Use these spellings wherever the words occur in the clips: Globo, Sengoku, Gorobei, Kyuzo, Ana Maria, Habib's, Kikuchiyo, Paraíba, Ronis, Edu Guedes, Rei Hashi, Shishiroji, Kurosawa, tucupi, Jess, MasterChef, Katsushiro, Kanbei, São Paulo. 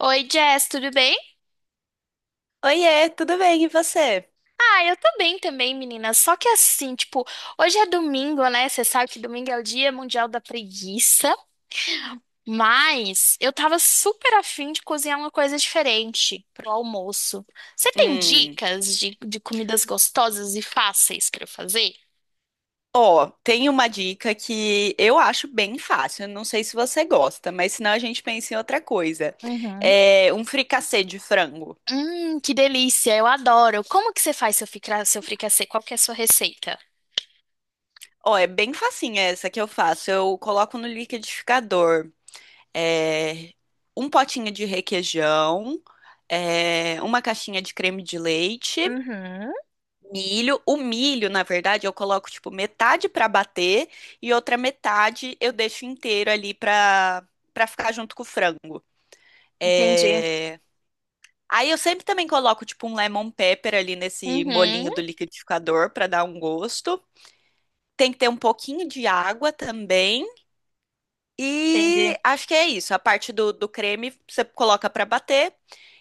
Oi, Jess, tudo bem? Oiê, tudo bem? E você? Ah, eu tô bem também, menina. Só que assim, tipo, hoje é domingo, né? Você sabe que domingo é o Dia Mundial da Preguiça. Mas eu tava super afim de cozinhar uma coisa diferente pro almoço. Você tem Hum, dicas de comidas gostosas e fáceis pra eu fazer? Ó, tem uma dica que eu acho bem fácil. Não sei se você gosta, mas senão a gente pensa em outra coisa. Uhum. É um fricassê de frango. Que delícia, eu adoro. Como que você faz seu fricassê? Qual que é a sua receita? Ó, é bem facinha essa que eu faço. Eu coloco no liquidificador, é, um potinho de requeijão, uma caixinha de creme de leite. Uhum. Milho, o milho, na verdade, eu coloco tipo metade pra bater e outra metade eu deixo inteiro ali pra para ficar junto com o frango. Entendi. É, Aí eu sempre também coloco tipo um lemon pepper ali nesse Uhum, molinho do liquidificador pra dar um gosto. Tem que ter um pouquinho de água também. entendi. E acho que é isso. A parte do creme você coloca para bater.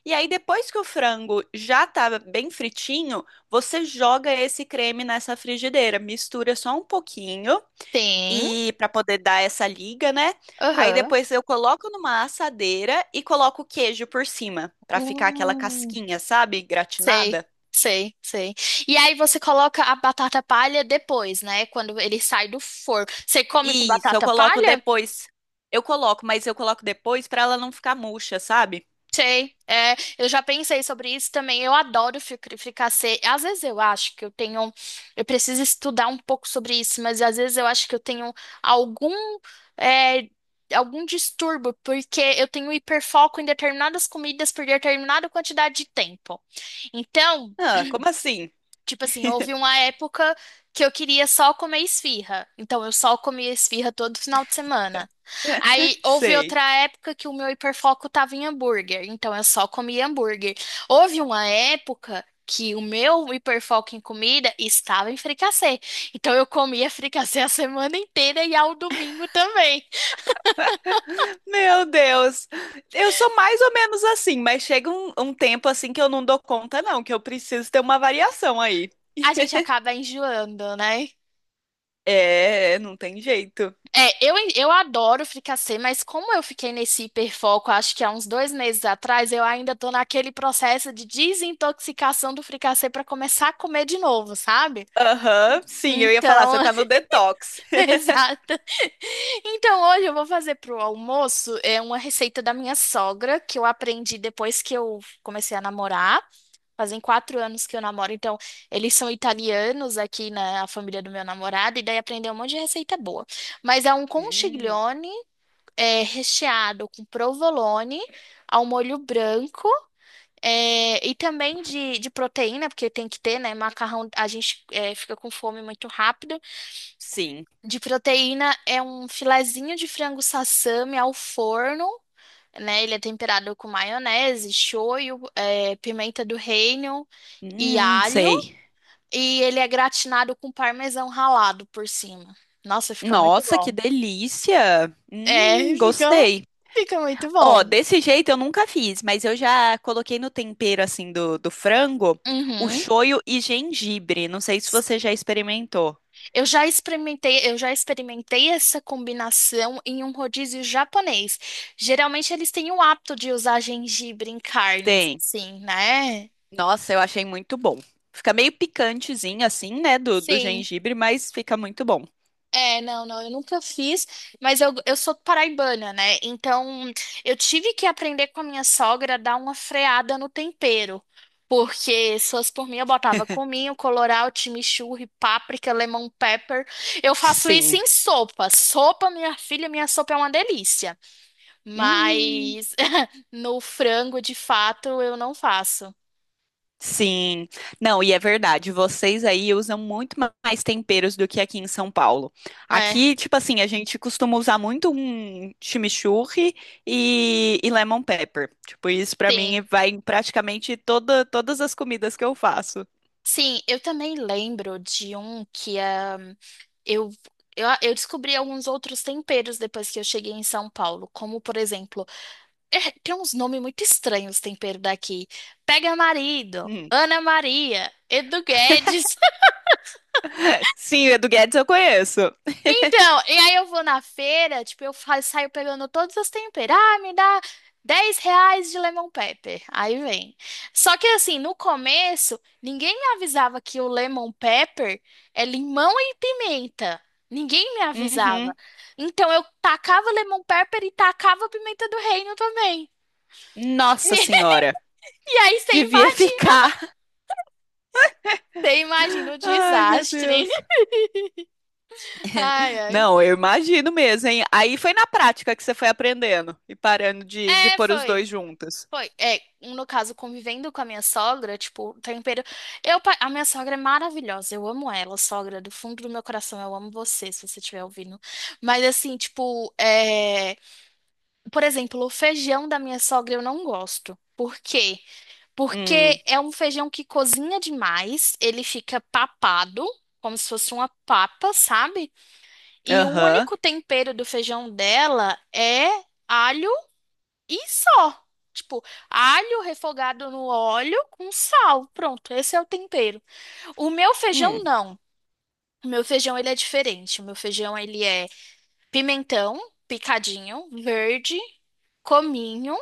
E aí, depois que o frango já tá bem fritinho, você joga esse creme nessa frigideira, mistura só um pouquinho Tem. e para poder dar essa liga, né? Aí Aham. depois eu coloco numa assadeira e coloco o queijo por cima, para ficar aquela Hum, casquinha, sabe? sei, Gratinada. sei, sei. E aí você coloca a batata palha depois, né? Quando ele sai do forno. Você come com Isso, eu batata coloco palha? depois. Eu coloco, mas eu coloco depois para ela não ficar murcha, sabe? Sei. É, eu já pensei sobre isso também. Eu adoro fricassê. Às vezes eu acho que eu tenho. Eu preciso estudar um pouco sobre isso, mas às vezes eu acho que eu tenho algum. é, Algum distúrbio, porque eu tenho hiperfoco em determinadas comidas por determinada quantidade de tempo. Então, Ah, como assim? tipo assim, houve uma época que eu queria só comer esfirra. Então eu só comia esfirra todo final de semana. Aí houve Sei. outra época que o meu hiperfoco tava em hambúrguer. Então eu só comia hambúrguer. Houve uma época que o meu hiperfoco em comida estava em fricassê. Então eu comia fricassê a semana inteira e ao domingo também. Meu Deus, eu sou mais ou menos assim, mas chega um tempo assim que eu não dou conta, não, que eu preciso ter uma variação aí. A gente acaba enjoando, né? É, não tem jeito. É, eu adoro fricassê, mas como eu fiquei nesse hiperfoco, acho que há uns 2 meses atrás, eu ainda tô naquele processo de desintoxicação do fricassê para começar a comer de novo, sabe? Aham, sim, eu ia falar, você Então, tá no detox. exato. Então, hoje eu vou fazer pro almoço é uma receita da minha sogra que eu aprendi depois que eu comecei a namorar. Fazem 4 anos que eu namoro, então eles são italianos aqui na família do meu namorado, e daí aprendeu um monte de receita boa. Mas é um Hum, conchiglione recheado com provolone ao molho branco. E também de, proteína, porque tem que ter, né? Macarrão, a gente fica com fome muito rápido. sim. De proteína é um filezinho de frango sassami ao forno, né? Ele é temperado com maionese, shoyu, pimenta do reino e alho. Sei. E ele é gratinado com parmesão ralado por cima. Nossa, fica muito Nossa, que bom. delícia! É, fica, Gostei. fica muito Ó, bom. desse jeito eu nunca fiz, mas eu já coloquei no tempero assim do frango o Uhum. shoyu e gengibre. Não sei se você já experimentou. Eu já experimentei essa combinação em um rodízio japonês. Geralmente eles têm o hábito de usar gengibre em carnes, Tem. assim, né? Nossa, eu achei muito bom. Fica meio picantezinho assim, né, do Sim. gengibre, mas fica muito bom. É, não, não, eu nunca fiz, mas eu sou paraibana, né? Então eu tive que aprender com a minha sogra a dar uma freada no tempero. Porque se fosse por mim, eu botava cominho, colorau, chimichurri, páprica, lemon pepper. Eu faço isso Sim. em sopa. Sopa, minha filha, minha sopa é uma delícia. Hum, Mas no frango, de fato, eu não faço. sim. Não, e é verdade, vocês aí usam muito mais temperos do que aqui em São Paulo. É, Aqui, tipo assim, a gente costuma usar muito um chimichurri e lemon pepper. Tipo, isso pra sim. mim vai em praticamente todas as comidas que eu faço. Sim, eu também lembro de um que ah, eu, eu descobri alguns outros temperos depois que eu cheguei em São Paulo. Como, por exemplo, tem uns nomes muito estranhos tempero daqui. Pega marido, Hum. Ana Maria, Edu Guedes. Sim, o Edu Guedes eu conheço. Então, e aí eu vou na feira, tipo, saio pegando todas as temperas. Ah, me dá R$ 10 de lemon pepper. Aí vem. Só que assim, no começo, ninguém me avisava que o lemon pepper é limão e pimenta. Ninguém me avisava. Uhum. Então eu tacava lemon pepper e tacava pimenta do reino também. Nossa Senhora. E aí você Devia imagina, ficar. você imagina o Ai, meu desastre. Deus. Ai, ai. Não, eu imagino mesmo, hein? Aí foi na prática que você foi aprendendo e parando de É, pôr os dois foi. juntos. Foi, no caso, convivendo com a minha sogra, tipo, o tempero. A minha sogra é maravilhosa, eu amo ela, sogra, do fundo do meu coração, eu amo você, se você estiver ouvindo. Mas, assim, tipo, por exemplo, o feijão da minha sogra eu não gosto. Por quê? Hum, Porque é um feijão que cozinha demais, ele fica papado, como se fosse uma papa, sabe? E o aham. único tempero do feijão dela é alho e só. Tipo, alho refogado no óleo com sal. Pronto, esse é o tempero. O meu feijão Hum, não. O meu feijão ele é diferente. O meu feijão ele é pimentão picadinho, verde, cominho,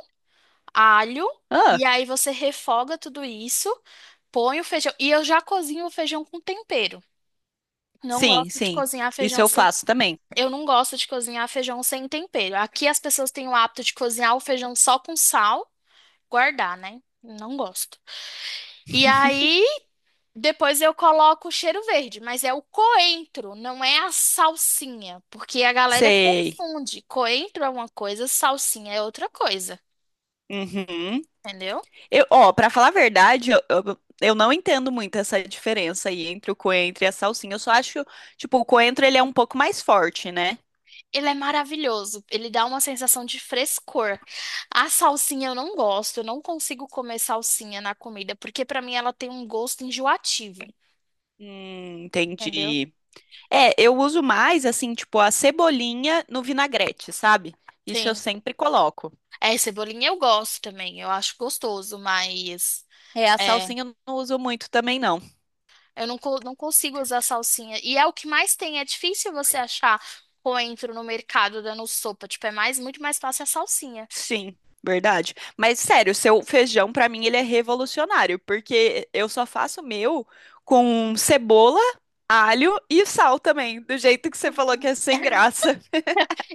alho. ah, E aí você refoga tudo isso, põe o feijão. E eu já cozinho o feijão com tempero. Não sim, gosto de sim. cozinhar Isso feijão eu sem. faço também. Eu não gosto de cozinhar feijão sem tempero. Aqui as pessoas têm o hábito de cozinhar o feijão só com sal, guardar, né? Não gosto. E aí, depois eu coloco o cheiro verde, mas é o coentro, não é a salsinha, porque a galera Sei. confunde. Coentro é uma coisa, salsinha é outra coisa, Uhum. entendeu? Ó, pra falar a verdade, eu não entendo muito essa diferença aí entre o coentro e a salsinha. Eu só acho, tipo, o coentro ele é um pouco mais forte, né? Ele é maravilhoso, ele dá uma sensação de frescor. A salsinha eu não gosto, eu não consigo comer salsinha na comida, porque pra mim ela tem um gosto enjoativo, entendeu? Entendi. É, eu uso mais assim, tipo, a cebolinha no vinagrete, sabe? Isso eu Sim. sempre coloco. É, cebolinha eu gosto também, eu acho gostoso, mas. É, a é, salsinha eu não uso muito também, não. Eu não consigo usar salsinha. E é o que mais tem. É difícil você achar coentro no mercado dando sopa. Tipo, é muito mais fácil a salsinha. Sim, verdade. Mas sério, seu feijão pra mim ele é revolucionário, porque eu só faço o meu com cebola, alho e sal também, do jeito que você falou que é sem graça.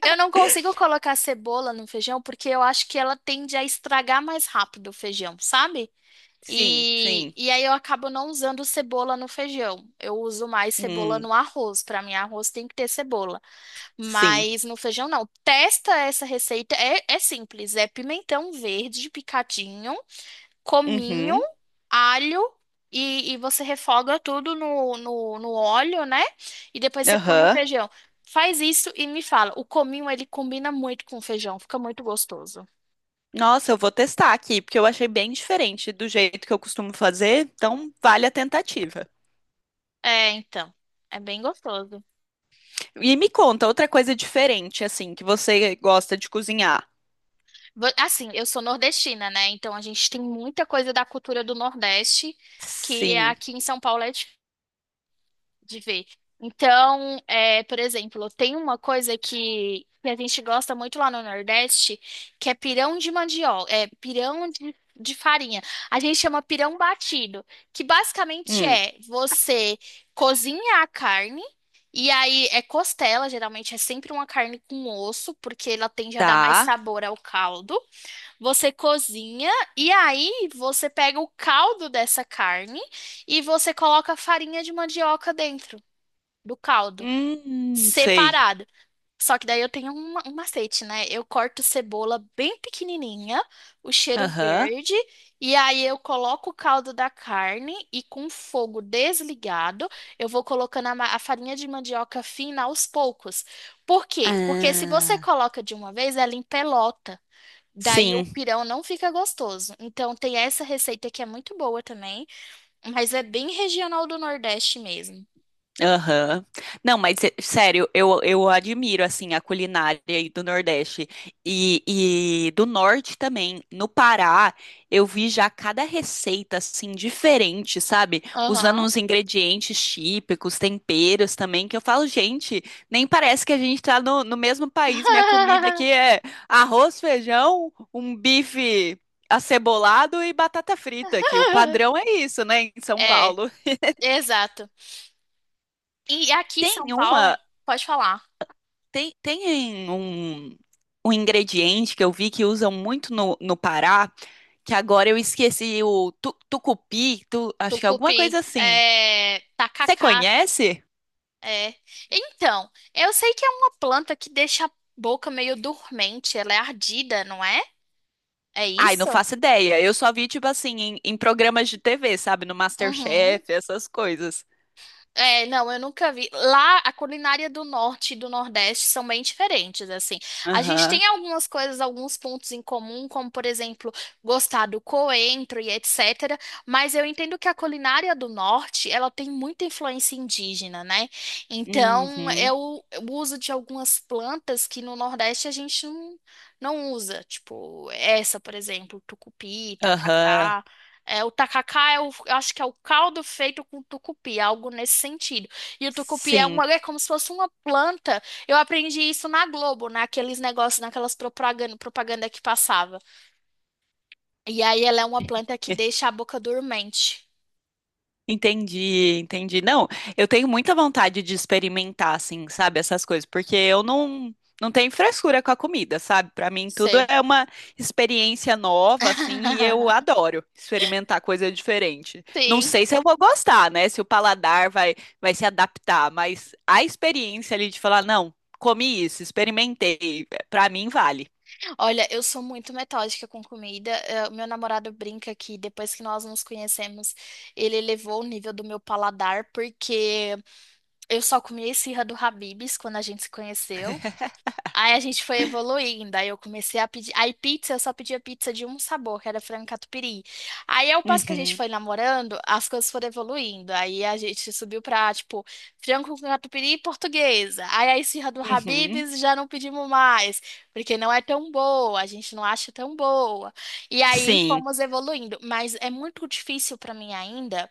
Eu não consigo colocar cebola no feijão porque eu acho que ela tende a estragar mais rápido o feijão, sabe? Sim, E, sim. e aí eu acabo não usando cebola no feijão. Eu uso mais cebola Hum, no arroz. Para mim, arroz tem que ter cebola. sim. Mas no feijão não. Testa essa receita. É simples. É pimentão verde picadinho. Cominho, Uhum, alho e você refoga tudo no, no óleo, né? E depois você põe o aham. feijão. Faz isso e me fala. O cominho, ele combina muito com o feijão, fica muito gostoso. Nossa, eu vou testar aqui, porque eu achei bem diferente do jeito que eu costumo fazer, então vale a tentativa. É, então. É bem gostoso. E me conta outra coisa diferente, assim, que você gosta de cozinhar. Assim, eu sou nordestina, né? Então a gente tem muita coisa da cultura do Nordeste que Sim. aqui em São Paulo é de ver. Então, por exemplo, tem uma coisa que a gente gosta muito lá no Nordeste, que é pirão de mandioca, é pirão de, farinha. A gente chama pirão batido, que basicamente Hum, é você cozinha a carne, e aí é costela, geralmente é sempre uma carne com osso, porque ela tende a dar mais tá. sabor ao caldo. Você cozinha, e aí você pega o caldo dessa carne e você coloca a farinha de mandioca dentro do caldo, Sei. separado. Só que daí eu tenho um macete, né? Eu corto cebola bem pequenininha, o cheiro Aham. verde, e aí eu coloco o caldo da carne e com fogo desligado, eu vou colocando a farinha de mandioca fina aos poucos. Por quê? Porque se você Ah, coloca de uma vez, ela empelota. Daí o sim. pirão não fica gostoso. Então tem essa receita que é muito boa também, mas é bem regional do Nordeste mesmo. Aham. Não, mas sério, eu admiro assim a culinária aí do Nordeste e, e do Norte também. No Pará, eu vi já cada receita assim diferente, sabe? Usando Aham. uns ingredientes típicos, temperos também, que eu falo, gente, nem parece que a gente tá no, no mesmo país. Minha comida aqui é arroz, feijão, um bife acebolado e batata frita aqui. O padrão é isso, né, em São É, Paulo. exato. E aqui em São Tem Paulo, uma. pode falar. Tem, um ingrediente que eu vi que usam muito no Pará, que agora eu esqueci o tucupi, tu- acho que é alguma coisa Tucupi, assim. Você tacacá, conhece? é. Então, eu sei que é uma planta que deixa a boca meio dormente, ela é ardida, não é? É Ai, não isso? faço ideia. Eu só vi, tipo assim, em programas de TV, sabe? No Uhum. MasterChef, essas coisas. É, não, eu nunca vi. Lá, a culinária do norte e do nordeste são bem diferentes, assim. A gente Aham. tem algumas coisas, alguns pontos em comum, como, por exemplo, gostar do coentro e etc. Mas eu entendo que a culinária do norte, ela tem muita influência indígena, né? Então, Uhum. é o uso de algumas plantas que no nordeste a gente não, não usa. Tipo, essa, por exemplo, tucupi, Aham. tacacá. É, o tacacá é eu acho que é o caldo feito com tucupi, algo nesse sentido. E o tucupi é Sim. É como se fosse uma planta. Eu aprendi isso na Globo, naqueles negócios, naquelas propaganda que passava. E aí ela é uma planta que deixa a boca dormente. Entendi, entendi. Não, eu tenho muita vontade de experimentar, assim, sabe, essas coisas, porque eu não tenho frescura com a comida, sabe? Pra mim tudo Sei. é uma experiência nova, assim, e eu adoro experimentar coisa diferente. Não Sim. sei se eu vou gostar, né? Se o paladar vai se adaptar, mas a experiência ali de falar, não, comi isso, experimentei, pra mim vale. Olha, eu sou muito metódica com comida. Meu namorado brinca que depois que nós nos conhecemos, ele elevou o nível do meu paladar, porque eu só comia esfirra do Habib's quando a gente se conheceu. Aí a gente foi evoluindo, aí eu comecei a pedir. Aí pizza, eu só pedia pizza de um sabor, que era frango catupiry. Aí ao passo que a gente Uhum, foi namorando, as coisas foram evoluindo. Aí a gente subiu pra, tipo, frango com catupiry e portuguesa. Aí a esfirra do uhum. Habib's já não pedimos mais, porque não é tão boa, a gente não acha tão boa. E aí Sim, fomos evoluindo, mas é muito difícil pra mim ainda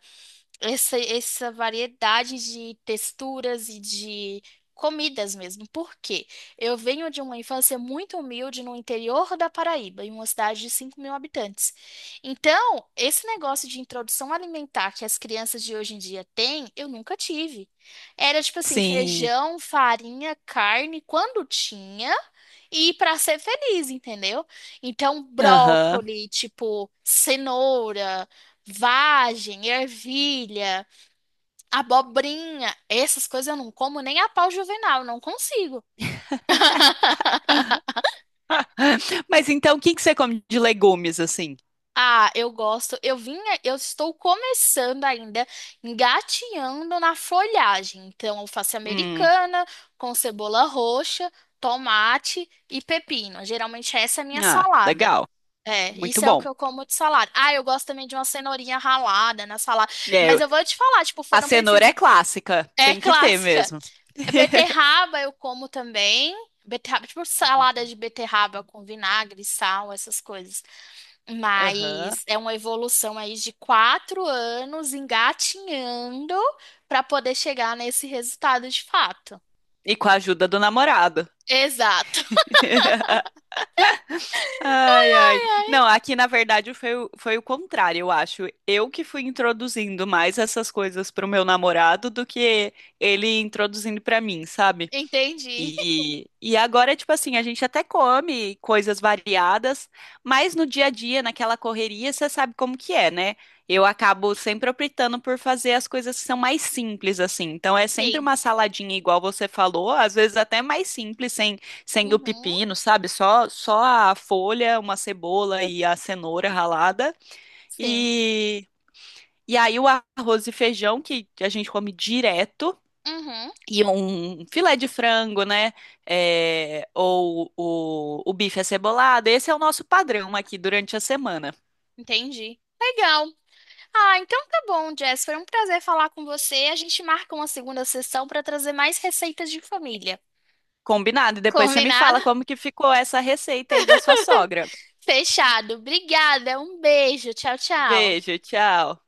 essa, variedade de texturas e de comidas mesmo. Por quê? Eu venho de uma infância muito humilde no interior da Paraíba, em uma cidade de 5.000 habitantes. Então, esse negócio de introdução alimentar que as crianças de hoje em dia têm, eu nunca tive. Era tipo assim, sim. feijão, farinha, carne, quando tinha. E para ser feliz, entendeu? Então, Aham. brócoli, tipo, cenoura. Vagem, ervilha, abobrinha, essas coisas eu não como nem a pau juvenal, não consigo. Mas então, o que que você come de legumes assim? Ah, eu gosto. Eu estou começando ainda, engatinhando na folhagem. Então, alface Hum, americana com cebola roxa, tomate e pepino. Geralmente essa é a minha ah, salada. legal, É, muito isso é o bom. que eu como de salada. Ah, eu gosto também de uma cenourinha ralada na salada. É, Mas eu- eu vou te falar, tipo, a foram cenoura é precisas. clássica, É tem que ter clássica. mesmo. Beterraba eu como também. Beterraba, tipo salada de beterraba com vinagre, sal, essas coisas. Aham. Mas é uma evolução aí de 4 anos engatinhando para poder chegar nesse resultado de fato. E com a ajuda do namorado. Exato. Ai, ai. Não, aqui na verdade foi, foi o contrário, eu acho. Eu que fui introduzindo mais essas coisas pro meu namorado do que ele introduzindo pra mim, sabe? Entendi. E agora, tipo assim, a gente até come coisas variadas, mas no dia a dia, naquela correria, você sabe como que é, né? Eu acabo sempre optando por fazer as coisas que são mais simples, assim. Então é sempre Sim. uma saladinha, igual você falou, às vezes até mais simples, sem o Uhum. pepino, sabe? Só a folha, uma cebola e a cenoura ralada. Sim. E, e aí o arroz e feijão, que a gente come direto. Uhum. E um filé de frango, né? É, ou o bife acebolado. Esse é o nosso padrão aqui durante a semana. Entendi. Legal. Ah, então tá bom, Jess. Foi um prazer falar com você. A gente marca uma segunda sessão para trazer mais receitas de família. Combinado? E depois você me Combinado? fala como que ficou essa receita aí da sua sogra. Fechado. Obrigada. Um beijo. Tchau, tchau. Beijo, tchau.